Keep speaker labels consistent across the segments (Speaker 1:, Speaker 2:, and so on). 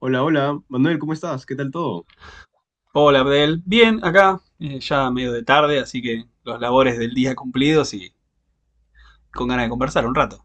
Speaker 1: Hola, hola, Manuel, ¿cómo estás? ¿Qué tal todo?
Speaker 2: Hola Abdel, bien acá, ya medio de tarde, así que los labores del día cumplidos y con ganas de conversar un rato.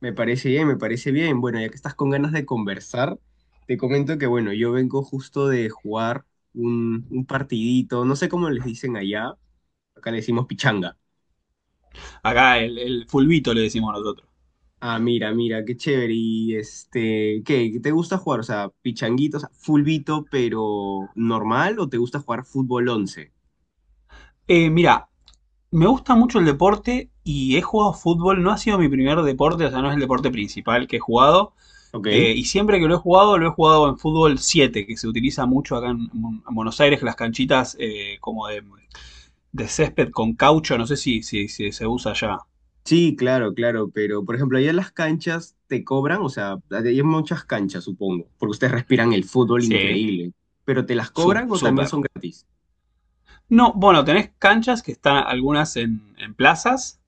Speaker 1: Me parece bien, me parece bien. Bueno, ya que estás con ganas de conversar, te comento que, bueno, yo vengo justo de jugar un partidito, no sé cómo les dicen allá, acá le decimos pichanga.
Speaker 2: Acá el fulbito le decimos nosotros.
Speaker 1: Ah, mira, mira, qué chévere. Y este, ¿qué? ¿Te gusta jugar? O sea, pichanguitos, fulbito, pero normal, ¿o te gusta jugar fútbol 11?
Speaker 2: Mira, me gusta mucho el deporte y he jugado fútbol, no ha sido mi primer deporte, o sea, no es el deporte principal que he jugado.
Speaker 1: ¿Ok?
Speaker 2: Y siempre que lo he jugado en fútbol 7, que se utiliza mucho acá en Buenos Aires, que las canchitas como de césped con caucho, no sé si se usa allá.
Speaker 1: Sí, claro, claro, pero por ejemplo, allá en las canchas te cobran, o sea, hay muchas canchas, supongo, porque ustedes respiran el fútbol
Speaker 2: Sí.
Speaker 1: increíble, pero ¿te las cobran o también
Speaker 2: Súper.
Speaker 1: son gratis?
Speaker 2: No, bueno, tenés canchas que están algunas en plazas.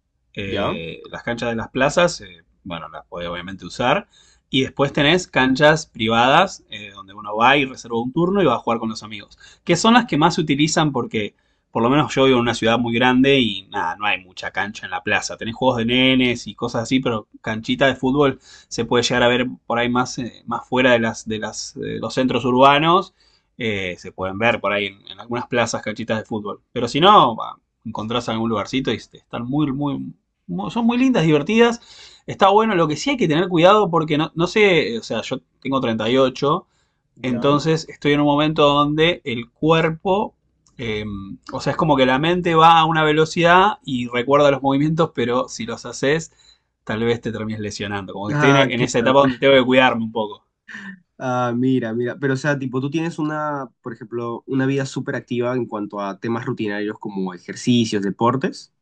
Speaker 1: ¿Ya?
Speaker 2: Las canchas de las plazas, bueno, las podés obviamente usar. Y después tenés canchas privadas, donde uno va y reserva un turno y va a jugar con los amigos. Que son las que más se utilizan porque, por lo menos yo vivo en una ciudad muy grande y nada, no hay mucha cancha en la plaza. Tenés juegos de nenes y cosas así, pero canchita de fútbol se puede llegar a ver por ahí más, más fuera de las, los centros urbanos se pueden ver por ahí en algunas plazas canchitas de fútbol. Pero si no, va, encontrás algún lugarcito y este, están muy, muy, muy- son muy lindas, divertidas. Está bueno, lo que sí hay que tener cuidado porque no, no sé, o sea, yo tengo 38,
Speaker 1: ¿Ya?
Speaker 2: entonces estoy en un momento donde el cuerpo, eh, o sea, es como que la mente va a una velocidad y recuerda los movimientos, pero si los haces, tal vez te termines lesionando. Como que estoy
Speaker 1: Ah,
Speaker 2: en esa
Speaker 1: claro,
Speaker 2: etapa
Speaker 1: claro.
Speaker 2: donde tengo que cuidarme un poco.
Speaker 1: Ah, mira, mira, pero o sea, tipo, tú tienes una, por ejemplo, una vida súper activa en cuanto a temas rutinarios como ejercicios, deportes.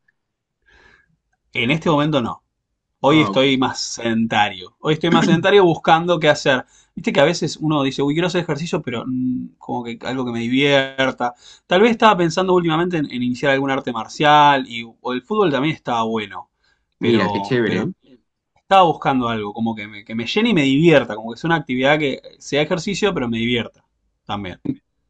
Speaker 2: En este momento no. Hoy
Speaker 1: Ah, ok.
Speaker 2: estoy más sedentario. Hoy estoy más sedentario buscando qué hacer. Viste que a veces uno dice, uy, quiero hacer ejercicio, pero como que algo que me divierta. Tal vez estaba pensando últimamente en iniciar algún arte marcial y o el fútbol también estaba bueno,
Speaker 1: Mira, qué
Speaker 2: pero,
Speaker 1: chévere.
Speaker 2: pero estaba buscando algo como que me llene y me divierta, como que sea una actividad que sea ejercicio, pero me divierta también.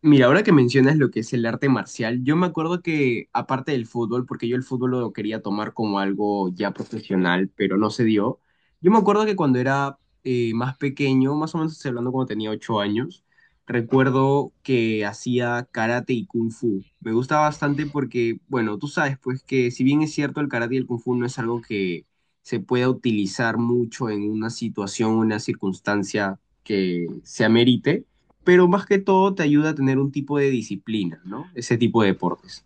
Speaker 1: Mira, ahora que mencionas lo que es el arte marcial, yo me acuerdo que aparte del fútbol, porque yo el fútbol lo quería tomar como algo ya profesional, pero no se dio. Yo me acuerdo que cuando era más pequeño, más o menos estoy hablando cuando tenía 8 años, recuerdo que hacía karate y kung fu. Me gusta bastante porque, bueno, tú sabes, pues que si bien es cierto, el karate y el kung fu no es algo que se pueda utilizar mucho en una situación, una circunstancia que se amerite, pero más que todo te ayuda a tener un tipo de disciplina, ¿no? Ese tipo de deportes.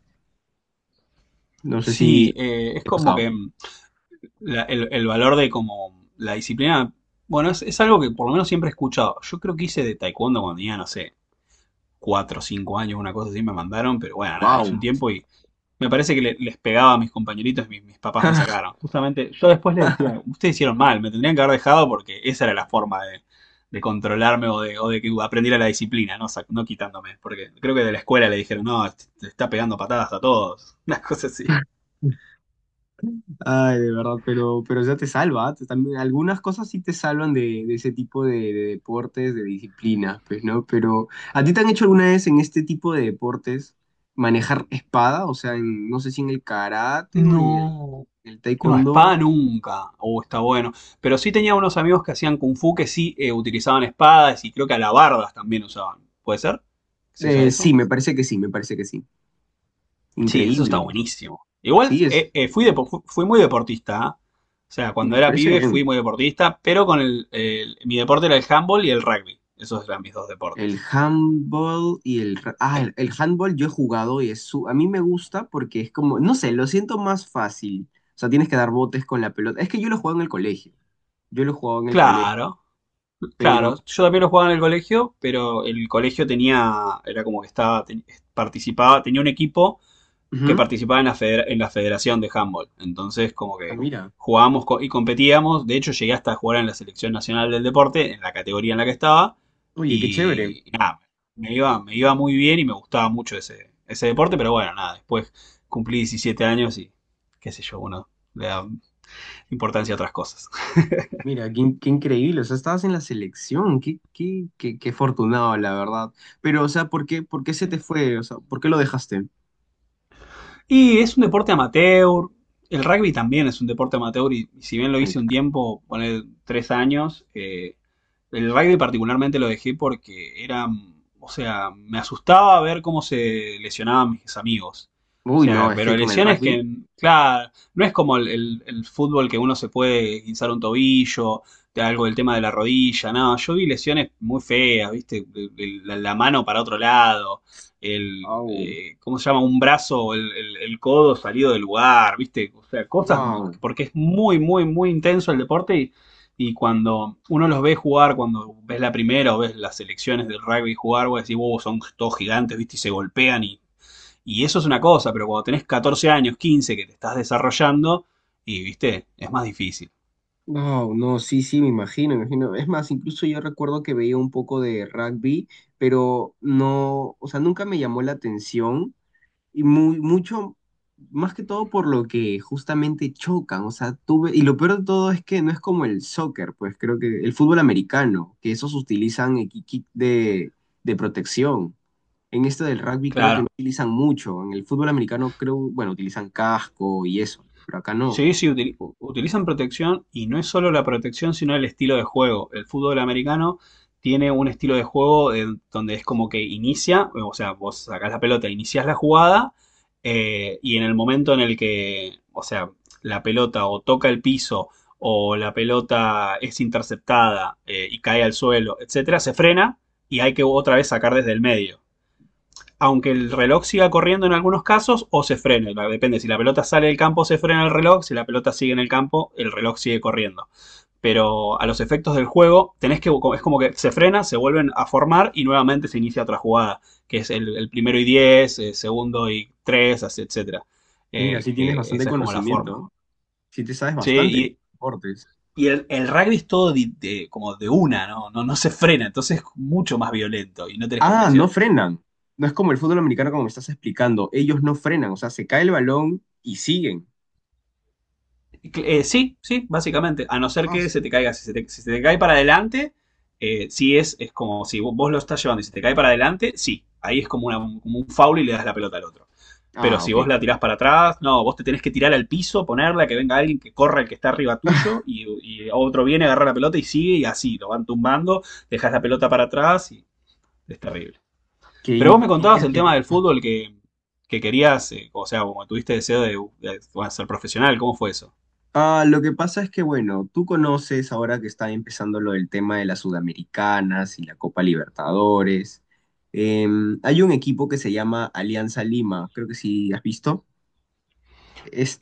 Speaker 1: No sé
Speaker 2: Sí,
Speaker 1: si
Speaker 2: es
Speaker 1: he
Speaker 2: como
Speaker 1: pasado.
Speaker 2: que el valor de como la disciplina, bueno, es algo que por lo menos siempre he escuchado. Yo creo que hice de taekwondo cuando tenía, no sé, cuatro o 5 años, una cosa así me mandaron, pero bueno, nada, hice
Speaker 1: ¡Wow!
Speaker 2: un tiempo y me parece que les pegaba a mis compañeritos y mis papás me sacaron. Justamente, yo después les decía, ustedes hicieron mal, me tendrían que haber dejado porque esa era la forma de controlarme o de que aprendiera la disciplina, no, no quitándome, porque creo que de la escuela le dijeron, no, te está pegando patadas a todos, una cosa así.
Speaker 1: Ay, de verdad, pero ya te salva, ¿ah? Te- también, algunas cosas sí te salvan de ese tipo de deportes, de disciplinas, pues, ¿no? Pero, ¿a ti te han hecho alguna vez en este tipo de deportes manejar espada? O sea, en- no sé si en el karate o
Speaker 2: No.
Speaker 1: en el
Speaker 2: No,
Speaker 1: taekwondo.
Speaker 2: espada nunca. Oh, está bueno. Pero sí tenía unos amigos que hacían kung fu que sí utilizaban espadas y creo que alabardas también usaban. ¿Puede ser? ¿Se usa
Speaker 1: Sí,
Speaker 2: eso?
Speaker 1: me parece que sí, me parece que sí.
Speaker 2: Sí, eso está
Speaker 1: Increíble.
Speaker 2: buenísimo. Igual
Speaker 1: Sí, es,
Speaker 2: fui muy deportista. ¿Ah? O sea, cuando
Speaker 1: me
Speaker 2: era
Speaker 1: parece
Speaker 2: pibe fui
Speaker 1: bien.
Speaker 2: muy deportista, pero con mi deporte era el handball y el rugby. Esos eran mis dos
Speaker 1: El
Speaker 2: deportes.
Speaker 1: handball y el... ra- Ah,
Speaker 2: Eh,
Speaker 1: el handball yo he jugado y es su... A mí me gusta porque es como, no sé, lo siento más fácil. O sea, tienes que dar botes con la pelota. Es que yo lo jugaba en el colegio. Yo lo jugaba en el colegio,
Speaker 2: claro,
Speaker 1: pero...
Speaker 2: claro. Yo también lo jugaba en el colegio, pero el colegio tenía, era como que estaba, participaba, tenía un equipo que
Speaker 1: Ujú.
Speaker 2: participaba en en la Federación de Handball. Entonces, como
Speaker 1: Ah,
Speaker 2: que
Speaker 1: mira.
Speaker 2: jugábamos y competíamos. De hecho, llegué hasta a jugar en la Selección Nacional del Deporte, en la categoría en la que estaba.
Speaker 1: Oye, qué chévere.
Speaker 2: Y nada, me iba muy bien y me gustaba mucho ese deporte. Pero bueno, nada, después cumplí 17 años y qué sé yo, uno le da importancia a otras cosas.
Speaker 1: Mira, qué, in- qué increíble. O sea, estabas en la selección. Qué, qué, qué, qué afortunado, la verdad. Pero, o sea, por qué se te fue? O sea, ¿por qué lo dejaste?
Speaker 2: Y es un deporte amateur. El rugby también es un deporte amateur y si bien lo
Speaker 1: El-
Speaker 2: hice un tiempo, poner 3 años. El rugby particularmente lo dejé porque era, o sea, me asustaba ver cómo se lesionaban mis amigos. O
Speaker 1: uy, no,
Speaker 2: sea,
Speaker 1: es que
Speaker 2: pero
Speaker 1: con el
Speaker 2: lesiones que,
Speaker 1: rugby.
Speaker 2: claro, no es como el fútbol que uno se puede guinzar un tobillo, de algo del tema de la rodilla, no, yo vi lesiones muy feas, viste. La mano para otro lado, ¿cómo se llama? Un brazo, el codo salido del lugar, viste, o sea, cosas,
Speaker 1: Wow.
Speaker 2: porque es muy, muy, muy intenso el deporte. Y cuando uno los ve jugar, cuando ves la primera o ves las selecciones del rugby jugar, vos decís, wow, son todos gigantes, ¿viste? Y se golpean, y eso es una cosa, pero cuando tenés 14 años, 15, que te estás desarrollando, ¿viste? Es más difícil.
Speaker 1: No, no, sí, sí, me imagino, me imagino. Es más, incluso yo recuerdo que veía un poco de rugby, pero no, o sea, nunca me llamó la atención y muy, mucho, más que todo por lo que justamente chocan, o sea, tuve, y lo peor de todo es que no es como el soccer, pues creo que el fútbol americano, que esos utilizan el kit de protección. En este del rugby creo que no
Speaker 2: Claro.
Speaker 1: utilizan mucho, en el fútbol americano creo, bueno, utilizan casco y eso, pero acá no.
Speaker 2: Sí, sí, utilizan protección, y no es solo la protección, sino el estilo de juego. El fútbol americano tiene un estilo de juego donde es como que inicia, o sea, vos sacás la pelota, iniciás la jugada y en el momento en el que, o sea, la pelota o toca el piso o la pelota es interceptada, y cae al suelo, etcétera, se frena y hay que otra vez sacar desde el medio, aunque el reloj siga corriendo en algunos casos o se frene. Depende, si la pelota sale del campo se frena el reloj, si la pelota sigue en el campo el reloj sigue corriendo. Pero a los efectos del juego tenés que, es como que se frena, se vuelven a formar y nuevamente se inicia otra jugada, que es el primero y 10, el segundo y 3, etcétera.
Speaker 1: Mira, sí tienes
Speaker 2: Que
Speaker 1: bastante
Speaker 2: esa es como la forma.
Speaker 1: conocimiento. Si te sabes bastante de
Speaker 2: Sí,
Speaker 1: deportes.
Speaker 2: y el rugby es todo como de una, ¿no? No, no se frena, entonces es mucho más violento y no tenés
Speaker 1: Ah,
Speaker 2: protección.
Speaker 1: no frenan. No es como el fútbol americano como me estás explicando. Ellos no frenan, o sea, se cae el balón y siguen.
Speaker 2: Sí, sí, básicamente. A no ser
Speaker 1: Ah,
Speaker 2: que se te
Speaker 1: su-
Speaker 2: caiga. Si se te, si se te cae para adelante, sí es como si vos lo estás llevando y se te cae para adelante, sí. Ahí es como, como un foul, y le das la pelota al otro. Pero
Speaker 1: ah,
Speaker 2: si
Speaker 1: ok.
Speaker 2: vos la tirás para atrás, no, vos te tenés que tirar al piso, ponerla, que venga alguien que corra el que está arriba tuyo, y otro viene, agarra la pelota y sigue, y así, lo van tumbando, dejas la pelota para atrás y es terrible.
Speaker 1: Qué,
Speaker 2: Pero vos
Speaker 1: in-
Speaker 2: me contabas
Speaker 1: qué-
Speaker 2: el
Speaker 1: qué
Speaker 2: tema del
Speaker 1: loco.
Speaker 2: fútbol, que querías, o sea, como tuviste deseo de, ser profesional, ¿cómo fue eso?
Speaker 1: Ah, lo que pasa es que, bueno, tú conoces ahora que está empezando lo del tema de las Sudamericanas y la Copa Libertadores. Em, hay un equipo que se llama Alianza Lima, creo que sí has visto.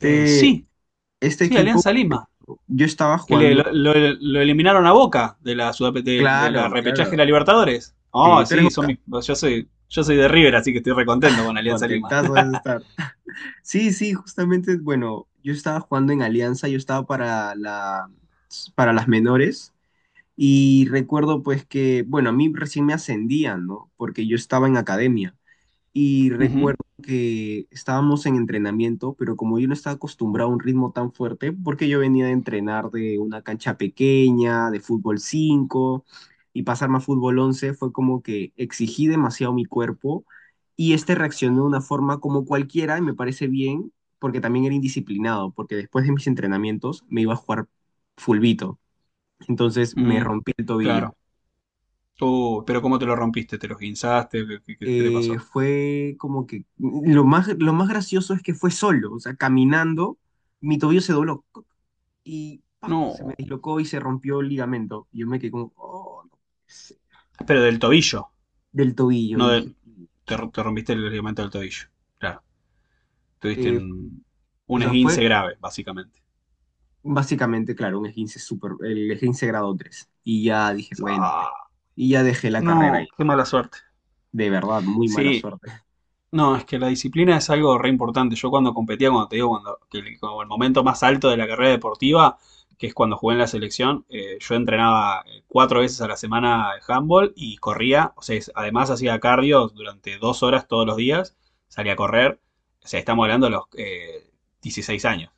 Speaker 2: Sí.
Speaker 1: este
Speaker 2: Sí,
Speaker 1: equipo,
Speaker 2: Alianza Lima,
Speaker 1: yo estaba
Speaker 2: que le,
Speaker 1: jugando.
Speaker 2: lo, lo- lo eliminaron a Boca de la
Speaker 1: Claro,
Speaker 2: repechaje de
Speaker 1: claro.
Speaker 2: la Libertadores.
Speaker 1: Sí,
Speaker 2: Oh,
Speaker 1: ¿tú eres
Speaker 2: sí, son
Speaker 1: Boca?
Speaker 2: mis, yo soy de River, así que estoy recontento con Alianza Lima.
Speaker 1: Contentazo de estar. Sí, sí, justamente, bueno, yo estaba jugando en Alianza, yo estaba para la, para las menores y recuerdo pues que, bueno, a mí recién me ascendían, ¿no? Porque yo estaba en academia. Y
Speaker 2: Ujú,
Speaker 1: recuerdo que estábamos en entrenamiento, pero como yo no estaba acostumbrado a un ritmo tan fuerte, porque yo venía de entrenar de una cancha pequeña, de fútbol 5 y pasarme a fútbol 11 fue como que exigí demasiado mi cuerpo y este reaccionó de una forma como cualquiera, y me parece bien, porque también era indisciplinado, porque después de mis entrenamientos me iba a jugar fulbito, entonces me
Speaker 2: mm,
Speaker 1: rompí el tobillo.
Speaker 2: claro. Pero ¿cómo te lo rompiste? ¿Te lo guinzaste? ¿Qué te pasó?
Speaker 1: Fue como que lo más gracioso es que fue solo, o sea, caminando, mi tobillo se dobló ¡cuc! Y ¡pac! Se me
Speaker 2: No.
Speaker 1: dislocó y se rompió el ligamento. Y yo me quedé como, "Oh, no puede ser",
Speaker 2: Pero del tobillo,
Speaker 1: del tobillo. Y
Speaker 2: no
Speaker 1: dije,
Speaker 2: te rompiste el ligamento del tobillo. Claro, tuviste
Speaker 1: eh,
Speaker 2: un,
Speaker 1: o
Speaker 2: un
Speaker 1: sea,
Speaker 2: esguince
Speaker 1: fue
Speaker 2: grave, básicamente.
Speaker 1: básicamente, claro, un esguince super, el esguince grado 3. Y ya dije, bueno, pues,
Speaker 2: Ah,
Speaker 1: y ya dejé la carrera ahí.
Speaker 2: no, qué mala
Speaker 1: Ya.
Speaker 2: suerte.
Speaker 1: De verdad, muy mala
Speaker 2: Sí.
Speaker 1: suerte.
Speaker 2: No, es que la disciplina es algo re importante. Yo cuando competía, cuando te digo, cuando, que el, como el momento más alto de la carrera deportiva, que es cuando jugué en la selección, yo entrenaba 4 veces a la semana handball, y corría. O sea, además hacía cardio durante 2 horas todos los días, salía a correr. O sea, estamos hablando de los 16 años.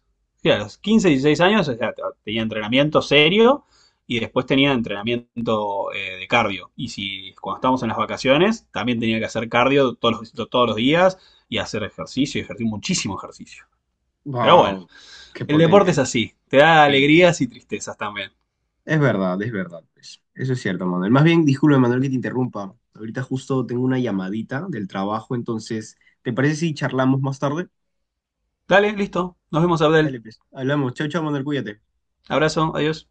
Speaker 2: Sí, a los 15, 16 años, o sea, tenía entrenamiento serio y después tenía entrenamiento de cardio. Y si cuando estábamos en las vacaciones, también tenía que hacer cardio todos los días, y hacer ejercicio, y ejercicio, muchísimo ejercicio. Pero bueno,
Speaker 1: Wow, qué
Speaker 2: el deporte es
Speaker 1: potente.
Speaker 2: así, te da
Speaker 1: Sí.
Speaker 2: alegrías y tristezas también.
Speaker 1: Es verdad, pues. Eso es cierto, Manuel. Más bien, disculpe, Manuel, que te interrumpa. Ahorita justo tengo una llamadita del trabajo, entonces, ¿te parece si charlamos más tarde?
Speaker 2: Dale, listo, nos vemos, Abdel.
Speaker 1: Dale, pues. Hablamos. Chao, chao, Manuel, cuídate.
Speaker 2: Abrazo, adiós.